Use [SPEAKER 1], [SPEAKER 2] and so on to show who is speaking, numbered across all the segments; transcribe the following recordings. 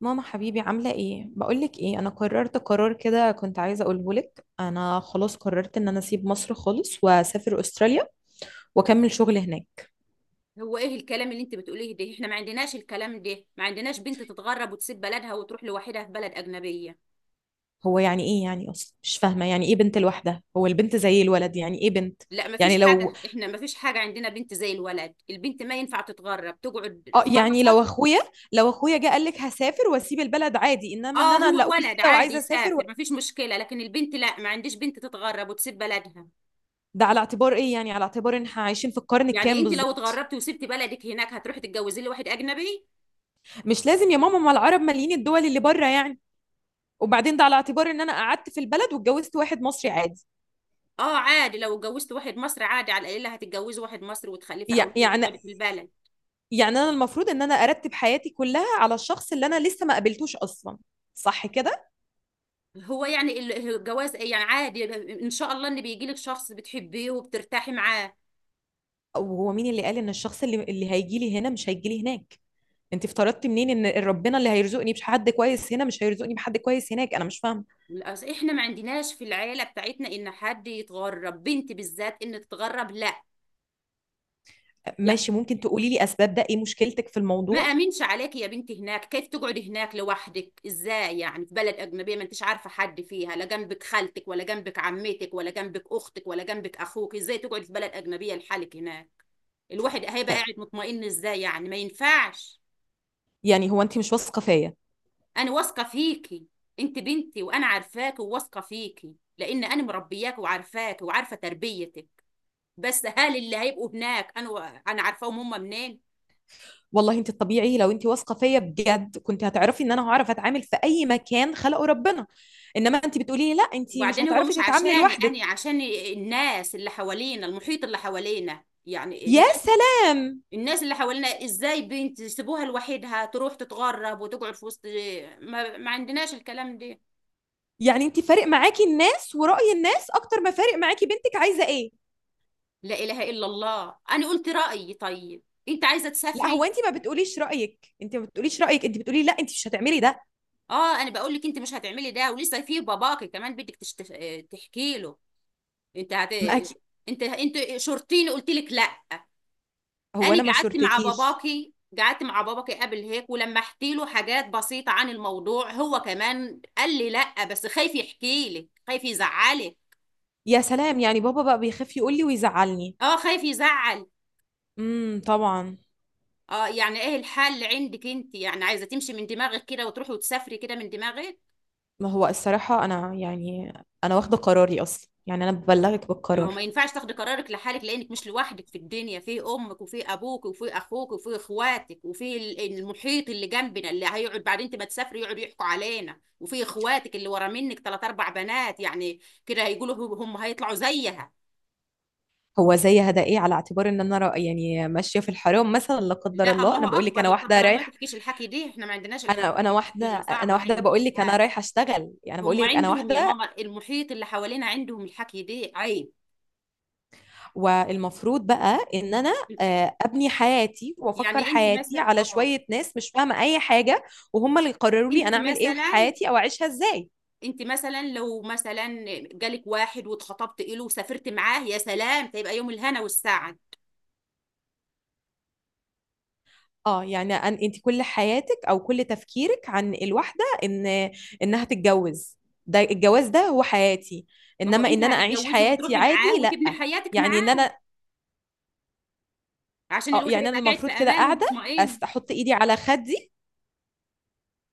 [SPEAKER 1] ماما حبيبي عاملة ايه؟ بقولك ايه، انا قررت قرار كده، كنت عايزة اقوله لك. انا خلاص قررت ان انا اسيب مصر خالص واسافر استراليا واكمل شغل هناك.
[SPEAKER 2] هو ايه الكلام اللي انت بتقوليه ده؟ احنا ما عندناش الكلام ده، ما عندناش بنت تتغرب وتسيب بلدها وتروح لوحدها في بلد اجنبيه.
[SPEAKER 1] هو يعني ايه يعني؟ اصلا مش فاهمة يعني ايه بنت لوحدها؟ هو البنت زي الولد. يعني ايه بنت؟
[SPEAKER 2] لا، ما فيش
[SPEAKER 1] يعني لو
[SPEAKER 2] حاجه، احنا ما فيش حاجه عندنا بنت زي الولد، البنت ما ينفع تتغرب تقعد،
[SPEAKER 1] اه يعني لو
[SPEAKER 2] خلصت.
[SPEAKER 1] اخويا لو اخويا جه قال لك هسافر واسيب البلد، عادي. انما ان
[SPEAKER 2] اه،
[SPEAKER 1] انا اللي
[SPEAKER 2] هو
[SPEAKER 1] اقول
[SPEAKER 2] ولد
[SPEAKER 1] كده
[SPEAKER 2] عادي
[SPEAKER 1] وعايزة اسافر
[SPEAKER 2] يسافر ما فيش مشكله، لكن البنت لا، ما عنديش بنت تتغرب وتسيب بلدها.
[SPEAKER 1] ده على اعتبار ايه؟ يعني على اعتبار ان احنا عايشين في القرن
[SPEAKER 2] يعني
[SPEAKER 1] الكام
[SPEAKER 2] انت لو
[SPEAKER 1] بالظبط؟
[SPEAKER 2] اتغربتي وسبتي بلدك هناك هتروحي تتجوزي لي واحد اجنبي؟
[SPEAKER 1] مش لازم يا ماما، ما العرب مالين الدول اللي بره يعني. وبعدين ده على اعتبار ان انا قعدت في البلد واتجوزت واحد مصري عادي.
[SPEAKER 2] اه عادي، لو اتجوزت واحد مصري عادي على القليله هتتجوزي واحد مصري وتخلفي
[SPEAKER 1] يع-
[SPEAKER 2] اولاد
[SPEAKER 1] يعني
[SPEAKER 2] وتقعدي في البلد.
[SPEAKER 1] يعني انا المفروض ان انا ارتب حياتي كلها على الشخص اللي انا لسه ما قابلتوش اصلا؟ صح كده؟
[SPEAKER 2] هو يعني الجواز يعني عادي. ان شاء الله ان بيجي لك شخص بتحبيه وبترتاحي معاه.
[SPEAKER 1] وهو مين اللي قال ان الشخص اللي هيجي لي هنا مش هيجي لي هناك؟ انت افترضتي منين ان ربنا اللي هيرزقني بحد كويس هنا مش هيرزقني بحد كويس هناك؟ انا مش فاهمه.
[SPEAKER 2] احنا ما عندناش في العيله بتاعتنا ان حد يتغرب، بنت بالذات ان تتغرب، لا. يعني
[SPEAKER 1] ماشي، ممكن تقولي لي اسباب؟ ده ايه مشكلتك في
[SPEAKER 2] ما
[SPEAKER 1] الموضوع؟
[SPEAKER 2] امنش عليك يا بنتي هناك، كيف تقعدي هناك لوحدك ازاي يعني في بلد اجنبيه ما انتش عارفه حد فيها، لا جنبك خالتك ولا جنبك عمتك ولا جنبك اختك ولا جنبك اخوك، ازاي تقعدي في بلد اجنبيه لحالك هناك؟ الواحد هيبقى قاعد مطمئن ازاي يعني؟ ما ينفعش.
[SPEAKER 1] يعني هو انت مش واثقه فيا؟
[SPEAKER 2] انا واثقه فيكي. انت بنتي وانا عارفاكي وواثقه فيكي لان انا مربياكي وعارفاكي وعارفه تربيتك. بس هل اللي هيبقوا هناك انا انا عارفاهم هم منين؟
[SPEAKER 1] والله انت الطبيعي لو انت واثقه فيا بجد كنت هتعرفي ان انا هعرف اتعامل في اي مكان خلقه ربنا. انما انت بتقولي لي لا انت مش
[SPEAKER 2] وبعدين هو مش
[SPEAKER 1] هتعرفي تتعاملي
[SPEAKER 2] عشاني
[SPEAKER 1] لوحدك.
[SPEAKER 2] انا، عشان الناس اللي حوالينا، المحيط اللي حوالينا يعني
[SPEAKER 1] يا
[SPEAKER 2] الناس.
[SPEAKER 1] سلام!
[SPEAKER 2] الناس اللي حوالينا ازاي بنت يسيبوها لوحدها تروح تتغرب وتقعد في وسط؟ ما عندناش الكلام ده.
[SPEAKER 1] يعني انت فارق معاكي الناس ورأي الناس اكتر ما فارق معاكي بنتك عايزه ايه؟
[SPEAKER 2] لا اله الا الله، انا قلت رايي، طيب. انت عايزه
[SPEAKER 1] لا، هو
[SPEAKER 2] تسافري.
[SPEAKER 1] انت ما بتقوليش رأيك، انت ما بتقوليش رأيك، انت بتقولي لا انت مش هتعملي ده.
[SPEAKER 2] اه، انا بقول لك انت مش هتعملي ده، ولسه في باباكي كمان بدك تحكي له. انت هت...
[SPEAKER 1] ما أكي...
[SPEAKER 2] انت شرطيني، قلت لك لا.
[SPEAKER 1] هو
[SPEAKER 2] انا
[SPEAKER 1] انا ما
[SPEAKER 2] قعدت مع
[SPEAKER 1] شورتكيش.
[SPEAKER 2] باباكي. قعدت مع باباكي قبل هيك، ولما احكي له حاجات بسيطة عن الموضوع هو كمان قال لي لا، بس خايف يحكي لك، خايف يزعلك.
[SPEAKER 1] يا سلام! يعني بابا بقى بيخاف يقول لي ويزعلني؟
[SPEAKER 2] اه خايف يزعل.
[SPEAKER 1] طبعا.
[SPEAKER 2] اه، يعني ايه الحل عندك انت؟ يعني عايزة تمشي من دماغك كده وتروحي وتسافري كده من دماغك؟
[SPEAKER 1] ما هو الصراحه انا يعني انا واخده قراري اصلا، يعني انا ببلغك
[SPEAKER 2] ما هو ما
[SPEAKER 1] بالقرار.
[SPEAKER 2] ينفعش تاخدي قرارك لحالك، لانك مش لوحدك في الدنيا، في امك وفي ابوك وفي اخوك وفي اخواتك، وفي المحيط اللي جنبنا اللي هيقعد بعد انت ما تسافري يقعدوا يحكوا علينا، وفي اخواتك اللي ورا منك 3 4 بنات يعني. كده هيقولوا هم هيطلعوا زيها.
[SPEAKER 1] هو زي هدايا، على اعتبار ان انا يعني ماشيه في الحرام مثلا، لا قدر
[SPEAKER 2] لا،
[SPEAKER 1] الله. انا
[SPEAKER 2] الله
[SPEAKER 1] بقول لك
[SPEAKER 2] اكبر،
[SPEAKER 1] انا
[SPEAKER 2] لا
[SPEAKER 1] واحده
[SPEAKER 2] قدر الله ما
[SPEAKER 1] رايح.
[SPEAKER 2] تحكيش الحكي دي، احنا ما عندناش الحكي
[SPEAKER 1] انا
[SPEAKER 2] دي،
[SPEAKER 1] واحده،
[SPEAKER 2] كلمه
[SPEAKER 1] انا
[SPEAKER 2] صعبه هاي ما
[SPEAKER 1] واحده بقول لك، انا
[SPEAKER 2] تحكيهاش.
[SPEAKER 1] رايحه اشتغل، يعني بقول
[SPEAKER 2] هم
[SPEAKER 1] لك انا
[SPEAKER 2] عندهم يا
[SPEAKER 1] واحده.
[SPEAKER 2] ماما، المحيط اللي حوالينا عندهم الحكي دي عيب.
[SPEAKER 1] والمفروض بقى ان انا، ابني حياتي وافكر
[SPEAKER 2] يعني انت
[SPEAKER 1] حياتي
[SPEAKER 2] مثلا
[SPEAKER 1] على
[SPEAKER 2] اه.
[SPEAKER 1] شويه ناس مش فاهمه اي حاجه، وهم اللي يقرروا لي
[SPEAKER 2] انت
[SPEAKER 1] انا اعمل ايه في
[SPEAKER 2] مثلا.
[SPEAKER 1] حياتي او اعيشها ازاي؟
[SPEAKER 2] انت مثلا لو مثلا جالك واحد واتخطبت له وسافرت معاه، يا سلام، هيبقى يوم الهنا والسعد.
[SPEAKER 1] اه يعني انت كل حياتك او كل تفكيرك عن الواحده ان انها تتجوز؟ ده الجواز ده هو حياتي؟
[SPEAKER 2] ما هو
[SPEAKER 1] انما
[SPEAKER 2] انت
[SPEAKER 1] ان انا اعيش
[SPEAKER 2] هتتجوزي
[SPEAKER 1] حياتي
[SPEAKER 2] وتروحي
[SPEAKER 1] عادي،
[SPEAKER 2] معاه وتبني
[SPEAKER 1] لا.
[SPEAKER 2] حياتك
[SPEAKER 1] يعني ان
[SPEAKER 2] معاه.
[SPEAKER 1] انا،
[SPEAKER 2] عشان
[SPEAKER 1] اه
[SPEAKER 2] الواحد
[SPEAKER 1] يعني انا
[SPEAKER 2] يبقى قاعد في
[SPEAKER 1] المفروض كده
[SPEAKER 2] امان
[SPEAKER 1] قاعده،
[SPEAKER 2] ومطمئن.
[SPEAKER 1] احط ايدي على خدي.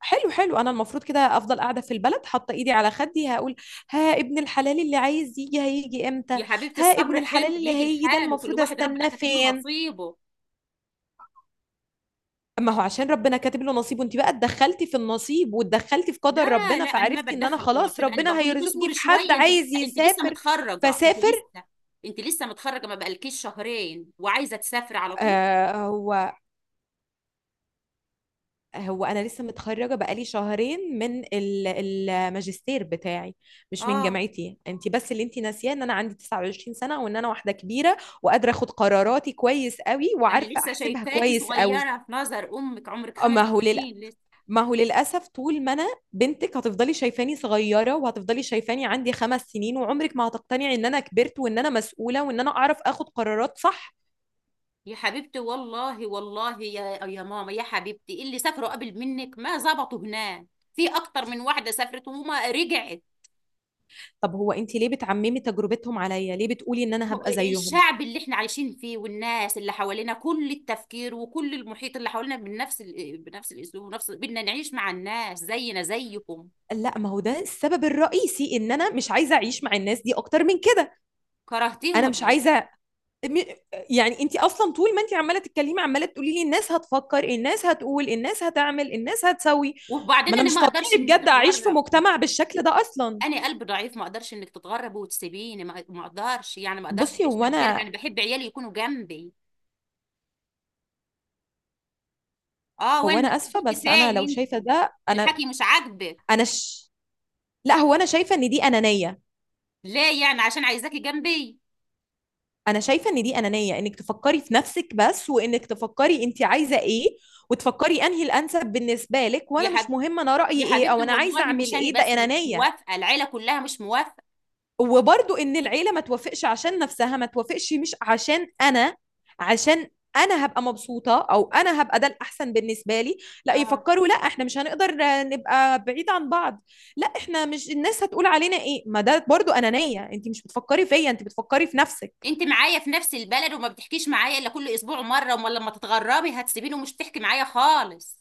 [SPEAKER 1] حلو حلو، انا المفروض كده افضل قاعده في البلد حاطه ايدي على خدي، هقول ها ابن الحلال اللي عايز يجي هيجي امتى؟
[SPEAKER 2] يا حبيبتي
[SPEAKER 1] ها ابن
[SPEAKER 2] الصبر حلو،
[SPEAKER 1] الحلال اللي
[SPEAKER 2] بيجي
[SPEAKER 1] هيجي ده
[SPEAKER 2] الحال، وكل
[SPEAKER 1] المفروض
[SPEAKER 2] واحد ربنا
[SPEAKER 1] استناه
[SPEAKER 2] كاتب له
[SPEAKER 1] فين؟
[SPEAKER 2] نصيبه.
[SPEAKER 1] ما هو عشان ربنا كاتب له نصيب، وانت بقى اتدخلتي في النصيب واتدخلتي في قدر
[SPEAKER 2] لا
[SPEAKER 1] ربنا
[SPEAKER 2] لا، انا ما
[SPEAKER 1] فعرفتي ان انا
[SPEAKER 2] بتدخل في
[SPEAKER 1] خلاص
[SPEAKER 2] النصيب، انا
[SPEAKER 1] ربنا
[SPEAKER 2] بقول لك
[SPEAKER 1] هيرزقني
[SPEAKER 2] اصبري
[SPEAKER 1] في حد
[SPEAKER 2] شويه، انت لسه
[SPEAKER 1] عايز
[SPEAKER 2] انت لسه
[SPEAKER 1] يسافر
[SPEAKER 2] متخرجه،
[SPEAKER 1] فسافر.
[SPEAKER 2] انت لسه متخرجه، ما بقالكيش شهرين وعايزه تسافري على طول.
[SPEAKER 1] آه هو هو انا لسه متخرجه بقالي شهرين من الماجستير بتاعي مش من
[SPEAKER 2] اه،
[SPEAKER 1] جامعتي. انت بس اللي انت ناسياه ان انا عندي 29 سنه وان انا واحده كبيره وقادره اخد قراراتي كويس قوي
[SPEAKER 2] انا
[SPEAKER 1] وعارفه
[SPEAKER 2] لسه
[SPEAKER 1] احسبها
[SPEAKER 2] شايفاكي
[SPEAKER 1] كويس قوي.
[SPEAKER 2] صغيره، في نظر امك عمرك خمس
[SPEAKER 1] اما هو للاسف،
[SPEAKER 2] سنين لسه.
[SPEAKER 1] ما هو للأسف، طول ما أنا بنتك هتفضلي شايفاني صغيرة وهتفضلي شايفاني عندي 5 سنين، وعمرك ما هتقتنعي إن أنا كبرت وإن أنا مسؤولة وإن أنا أعرف آخد قرارات صح.
[SPEAKER 2] يا حبيبتي، والله والله يا ماما يا حبيبتي، اللي سافروا قبل منك ما ظبطوا هناك. في اكتر من واحده سافرت وما رجعت.
[SPEAKER 1] طب هو أنت ليه بتعممي تجربتهم عليا؟ ليه بتقولي إن أنا
[SPEAKER 2] هو
[SPEAKER 1] هبقى زيهم؟
[SPEAKER 2] الشعب اللي احنا عايشين فيه والناس اللي حوالينا، كل التفكير وكل المحيط اللي حوالينا بنفس بنفس الاسلوب، ونفس بدنا نعيش مع الناس زينا زيكم.
[SPEAKER 1] لا، ما هو ده السبب الرئيسي إن أنا مش عايزة أعيش مع الناس دي أكتر من كده.
[SPEAKER 2] كرهتيهم
[SPEAKER 1] أنا
[SPEAKER 2] ولا
[SPEAKER 1] مش
[SPEAKER 2] ايه؟
[SPEAKER 1] عايزة، م- يعني أنت أصلا طول ما أنت عمالة تتكلمي عمالة تقولي لي الناس هتفكر، الناس هتقول، الناس هتعمل، الناس هتسوي. ما
[SPEAKER 2] وبعدين
[SPEAKER 1] أنا
[SPEAKER 2] انا
[SPEAKER 1] مش
[SPEAKER 2] ما
[SPEAKER 1] طبيعي
[SPEAKER 2] اقدرش انك
[SPEAKER 1] بجد أعيش في
[SPEAKER 2] تتغرب.
[SPEAKER 1] مجتمع بالشكل ده أصلا.
[SPEAKER 2] انا قلب ضعيف، ما اقدرش انك تتغربي وتسيبيني، ما اقدرش يعني، ما اقدرش
[SPEAKER 1] بصي،
[SPEAKER 2] اعيش
[SPEAKER 1] هو
[SPEAKER 2] من غيرك،
[SPEAKER 1] انا
[SPEAKER 2] انا بحب عيالي يكونوا جنبي. اه
[SPEAKER 1] هو
[SPEAKER 2] وين؟
[SPEAKER 1] انا اسفه،
[SPEAKER 2] رحت
[SPEAKER 1] بس انا
[SPEAKER 2] فين
[SPEAKER 1] لو شايفه
[SPEAKER 2] انت؟
[SPEAKER 1] ده،
[SPEAKER 2] الحكي مش عاجبك؟
[SPEAKER 1] انا ش... لا، هو انا شايفه ان دي انانيه.
[SPEAKER 2] ليه يعني؟ عشان عايزاكي جنبي.
[SPEAKER 1] انا شايفه ان دي انانيه، انك تفكري في نفسك بس، وانك تفكري انت عايزه ايه وتفكري انهي الانسب بالنسبه لك،
[SPEAKER 2] يا
[SPEAKER 1] وانا مش
[SPEAKER 2] حب...
[SPEAKER 1] مهم انا رايي
[SPEAKER 2] يا
[SPEAKER 1] ايه
[SPEAKER 2] حبيبتي،
[SPEAKER 1] او انا عايزه
[SPEAKER 2] والله
[SPEAKER 1] اعمل
[SPEAKER 2] مش انا
[SPEAKER 1] ايه. ده
[SPEAKER 2] بس اللي مش
[SPEAKER 1] انانيه.
[SPEAKER 2] موافقه، العيله كلها مش موافقه.
[SPEAKER 1] وبرضو ان العيله ما توافقش عشان نفسها ما توافقش، مش عشان انا، عشان انا هبقى مبسوطه او انا هبقى ده الاحسن بالنسبه لي. لا،
[SPEAKER 2] اه،
[SPEAKER 1] يفكروا لا احنا مش هنقدر نبقى بعيد عن بعض. لا، احنا مش الناس هتقول علينا ايه. ما ده برضو انانيه، انت مش بتفكري فيا، انت بتفكري في نفسك.
[SPEAKER 2] انت معايا في نفس البلد وما بتحكيش معايا الا كل اسبوع مره، امال لما تتغربي هتسيبيني ومش تحكي معايا خالص.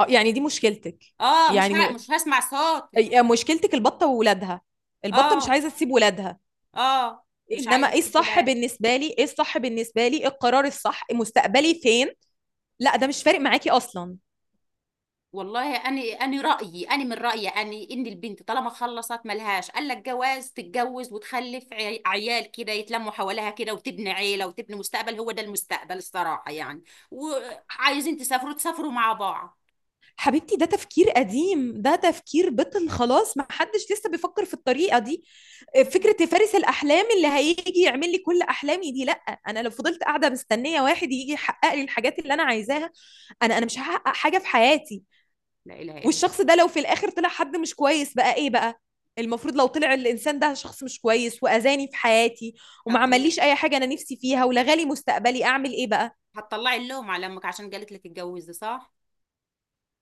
[SPEAKER 1] يعني دي مشكلتك؟
[SPEAKER 2] اه،
[SPEAKER 1] يعني م...
[SPEAKER 2] مش هسمع صوتك.
[SPEAKER 1] مشكلتك البطه وولادها، البطه مش
[SPEAKER 2] اه
[SPEAKER 1] عايزه تسيب ولادها.
[SPEAKER 2] اه، مش عايزه
[SPEAKER 1] انما ايه
[SPEAKER 2] اسيبه،
[SPEAKER 1] الصح
[SPEAKER 2] لا.
[SPEAKER 1] بالنسبه لي، ايه الصح بالنسبه لي، إيه القرار الصح، مستقبلي فين؟ لا ده مش فارق معاكي اصلا.
[SPEAKER 2] والله انا رايي، انا من رايي انا، ان البنت طالما خلصت، ملهاش قال لك جواز، تتجوز وتخلف عيال كده يتلموا حواليها كده، وتبني عيله وتبني مستقبل، هو ده المستقبل الصراحه يعني. وعايزين تسافروا تسافروا مع بعض.
[SPEAKER 1] حبيبتي، ده تفكير قديم، ده تفكير بطل خلاص، ما حدش لسه بيفكر في الطريقة دي.
[SPEAKER 2] مهم.
[SPEAKER 1] فكرة فارس الأحلام اللي هيجي يعمل لي كل أحلامي دي، لأ. أنا لو فضلت قاعدة مستنية واحد يجي يحقق لي الحاجات اللي أنا عايزاها، أنا مش هحقق حاجة في حياتي.
[SPEAKER 2] لا اله الا الله.
[SPEAKER 1] والشخص ده لو في الآخر طلع حد مش كويس، بقى إيه بقى؟ المفروض لو طلع الانسان ده شخص مش كويس واذاني في حياتي وما
[SPEAKER 2] هتطل...
[SPEAKER 1] عمليش اي حاجه انا نفسي فيها ولغالي مستقبلي، اعمل ايه بقى؟
[SPEAKER 2] هتطلعي اللوم على امك عشان قالت لك اتجوزي، صح؟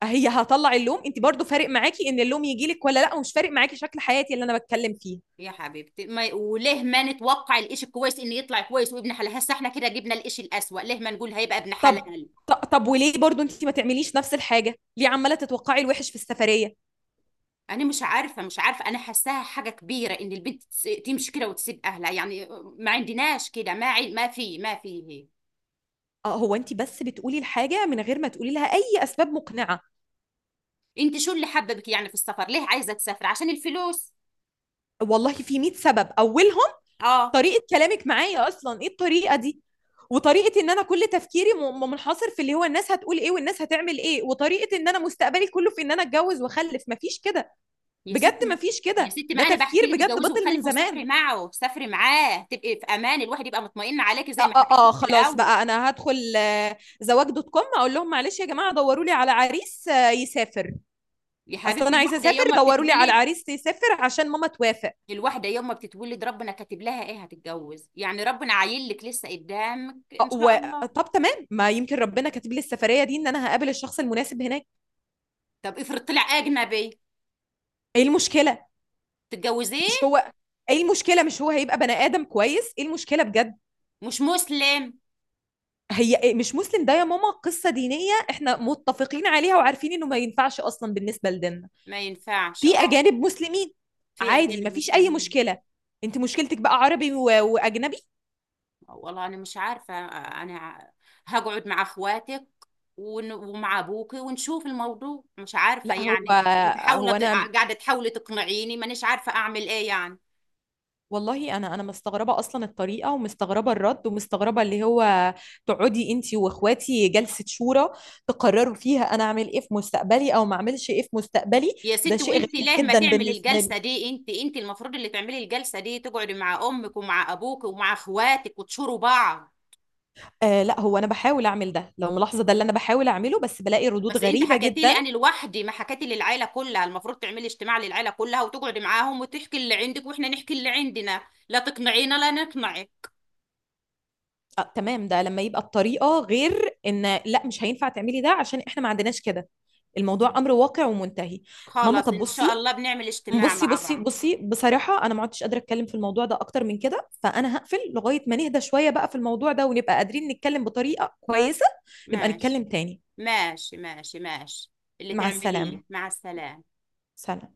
[SPEAKER 1] هي هطلع اللوم؟ انت برضو فارق معاكي ان اللوم يجي لك ولا لا، ومش فارق معاكي شكل حياتي اللي انا بتكلم فيه.
[SPEAKER 2] يا حبيبتي ما... وليه ما نتوقع الإشي الكويس ان يطلع كويس وابن حلال؟ هسه احنا كده جبنا الإشي الأسوأ، ليه ما نقول هيبقى ابن
[SPEAKER 1] طب
[SPEAKER 2] حلال؟
[SPEAKER 1] طب وليه برضو انت ما تعمليش نفس الحاجه؟ ليه عماله تتوقعي الوحش في السفريه؟
[SPEAKER 2] انا مش عارفه مش عارفه، انا حاساها حاجه كبيره ان البنت تمشي كده وتسيب اهلها يعني. ما عندناش كده، ما في ما في هيك.
[SPEAKER 1] اه هو انت بس بتقولي الحاجه من غير ما تقولي لها اي اسباب مقنعه.
[SPEAKER 2] انت شو اللي حببك يعني في السفر؟ ليه عايزه تسافر؟ عشان الفلوس؟
[SPEAKER 1] والله في 100 سبب، اولهم
[SPEAKER 2] اه.
[SPEAKER 1] طريقه كلامك معايا اصلا، ايه الطريقه دي؟ وطريقه ان انا كل تفكيري منحصر في اللي هو الناس هتقول ايه والناس هتعمل ايه، وطريقه ان انا مستقبلي كله في ان انا اتجوز واخلف. مفيش كده،
[SPEAKER 2] يا ستي
[SPEAKER 1] بجد
[SPEAKER 2] ما...
[SPEAKER 1] مفيش
[SPEAKER 2] يا
[SPEAKER 1] كده،
[SPEAKER 2] ستي ما
[SPEAKER 1] ده
[SPEAKER 2] انا بحكي
[SPEAKER 1] تفكير
[SPEAKER 2] لك
[SPEAKER 1] بجد
[SPEAKER 2] اتجوزي
[SPEAKER 1] بطل من
[SPEAKER 2] وخلفي وسافري،
[SPEAKER 1] زمان.
[SPEAKER 2] معه سافري معاه تبقي في امان، الواحد يبقى مطمئن عليكي زي ما حكيت لك في
[SPEAKER 1] خلاص
[SPEAKER 2] الاول.
[SPEAKER 1] بقى، انا هدخل زواج.com اقول لهم معلش يا جماعه دوروا لي على عريس يسافر،
[SPEAKER 2] يا
[SPEAKER 1] اصل
[SPEAKER 2] حبيبتي
[SPEAKER 1] انا عايزه اسافر، دوروا لي على عريس يسافر عشان ماما توافق.
[SPEAKER 2] الواحده يوم ما بتتولد ربنا كاتب لها ايه هتتجوز يعني، ربنا عايل لك لسه قدامك
[SPEAKER 1] آه،
[SPEAKER 2] ان شاء
[SPEAKER 1] و...
[SPEAKER 2] الله.
[SPEAKER 1] طب تمام، ما يمكن ربنا كاتب لي السفريه دي ان انا هقابل الشخص المناسب هناك.
[SPEAKER 2] طب افرض طلع اجنبي.
[SPEAKER 1] ايه المشكله؟
[SPEAKER 2] تتجوزيه.
[SPEAKER 1] مش هو، ايه المشكله؟ مش هو هيبقى بني ادم كويس؟ ايه المشكله بجد؟
[SPEAKER 2] مش مسلم.
[SPEAKER 1] هي مش مسلم؟ ده يا ماما قصة دينية احنا متفقين عليها وعارفين انه ما ينفعش اصلا بالنسبة لديننا.
[SPEAKER 2] ما ينفعش
[SPEAKER 1] في
[SPEAKER 2] اه.
[SPEAKER 1] اجانب مسلمين
[SPEAKER 2] في
[SPEAKER 1] عادي،
[SPEAKER 2] اجانب
[SPEAKER 1] ما فيش اي
[SPEAKER 2] مسلمين.
[SPEAKER 1] مشكلة. انت مشكلتك بقى عربي واجنبي.
[SPEAKER 2] والله انا مش عارفه، انا هقعد مع اخواتك ومع ابوكي ونشوف الموضوع، مش عارفه
[SPEAKER 1] لا هو،
[SPEAKER 2] يعني انت. انت
[SPEAKER 1] هو انا
[SPEAKER 2] قاعده تحاولي تقنعيني، مانيش عارفه اعمل ايه يعني.
[SPEAKER 1] والله انا مستغربه اصلا الطريقه، ومستغربه الرد، ومستغربه اللي هو تقعدي انت واخواتي جلسه شورى تقرروا فيها انا اعمل ايه في مستقبلي او ما اعملش ايه في مستقبلي.
[SPEAKER 2] يا
[SPEAKER 1] ده
[SPEAKER 2] ست،
[SPEAKER 1] شيء
[SPEAKER 2] وانت
[SPEAKER 1] غريب
[SPEAKER 2] ليه ما
[SPEAKER 1] جدا
[SPEAKER 2] تعمل
[SPEAKER 1] بالنسبه لي.
[SPEAKER 2] الجلسه دي؟ انت المفروض اللي تعملي الجلسه دي، تقعدي مع امك ومع ابوك ومع اخواتك وتشوروا بعض.
[SPEAKER 1] آه، لا هو انا بحاول اعمل ده، لو ملاحظه ده اللي انا بحاول اعمله، بس بلاقي ردود
[SPEAKER 2] بس انت
[SPEAKER 1] غريبه
[SPEAKER 2] حكيتي لي
[SPEAKER 1] جدا.
[SPEAKER 2] انا لوحدي، ما حكيتي للعيله كلها، المفروض تعملي اجتماع للعيله كلها وتقعدي معاهم وتحكي اللي عندك واحنا نحكي اللي عندنا، لا تقنعينا لا نقنعك.
[SPEAKER 1] آه تمام، ده لما يبقى الطريقه غير ان لا مش هينفع تعملي ده عشان احنا ما عندناش كده. الموضوع امر واقع ومنتهي. ماما،
[SPEAKER 2] خلاص،
[SPEAKER 1] طب
[SPEAKER 2] ان شاء
[SPEAKER 1] بصي،
[SPEAKER 2] الله بنعمل اجتماع
[SPEAKER 1] بصي
[SPEAKER 2] مع
[SPEAKER 1] بصي
[SPEAKER 2] بعض.
[SPEAKER 1] بصي، بصراحه انا ما عدتش قادره اتكلم في الموضوع ده اكتر من كده، فانا هقفل لغايه ما نهدى شويه بقى في الموضوع ده ونبقى قادرين نتكلم بطريقه كويسه. نبقى
[SPEAKER 2] ماشي،
[SPEAKER 1] نتكلم تاني.
[SPEAKER 2] ماشي، ماشي، ماشي، اللي
[SPEAKER 1] مع
[SPEAKER 2] تعمليه
[SPEAKER 1] السلامه.
[SPEAKER 2] مع السلامه.
[SPEAKER 1] سلام.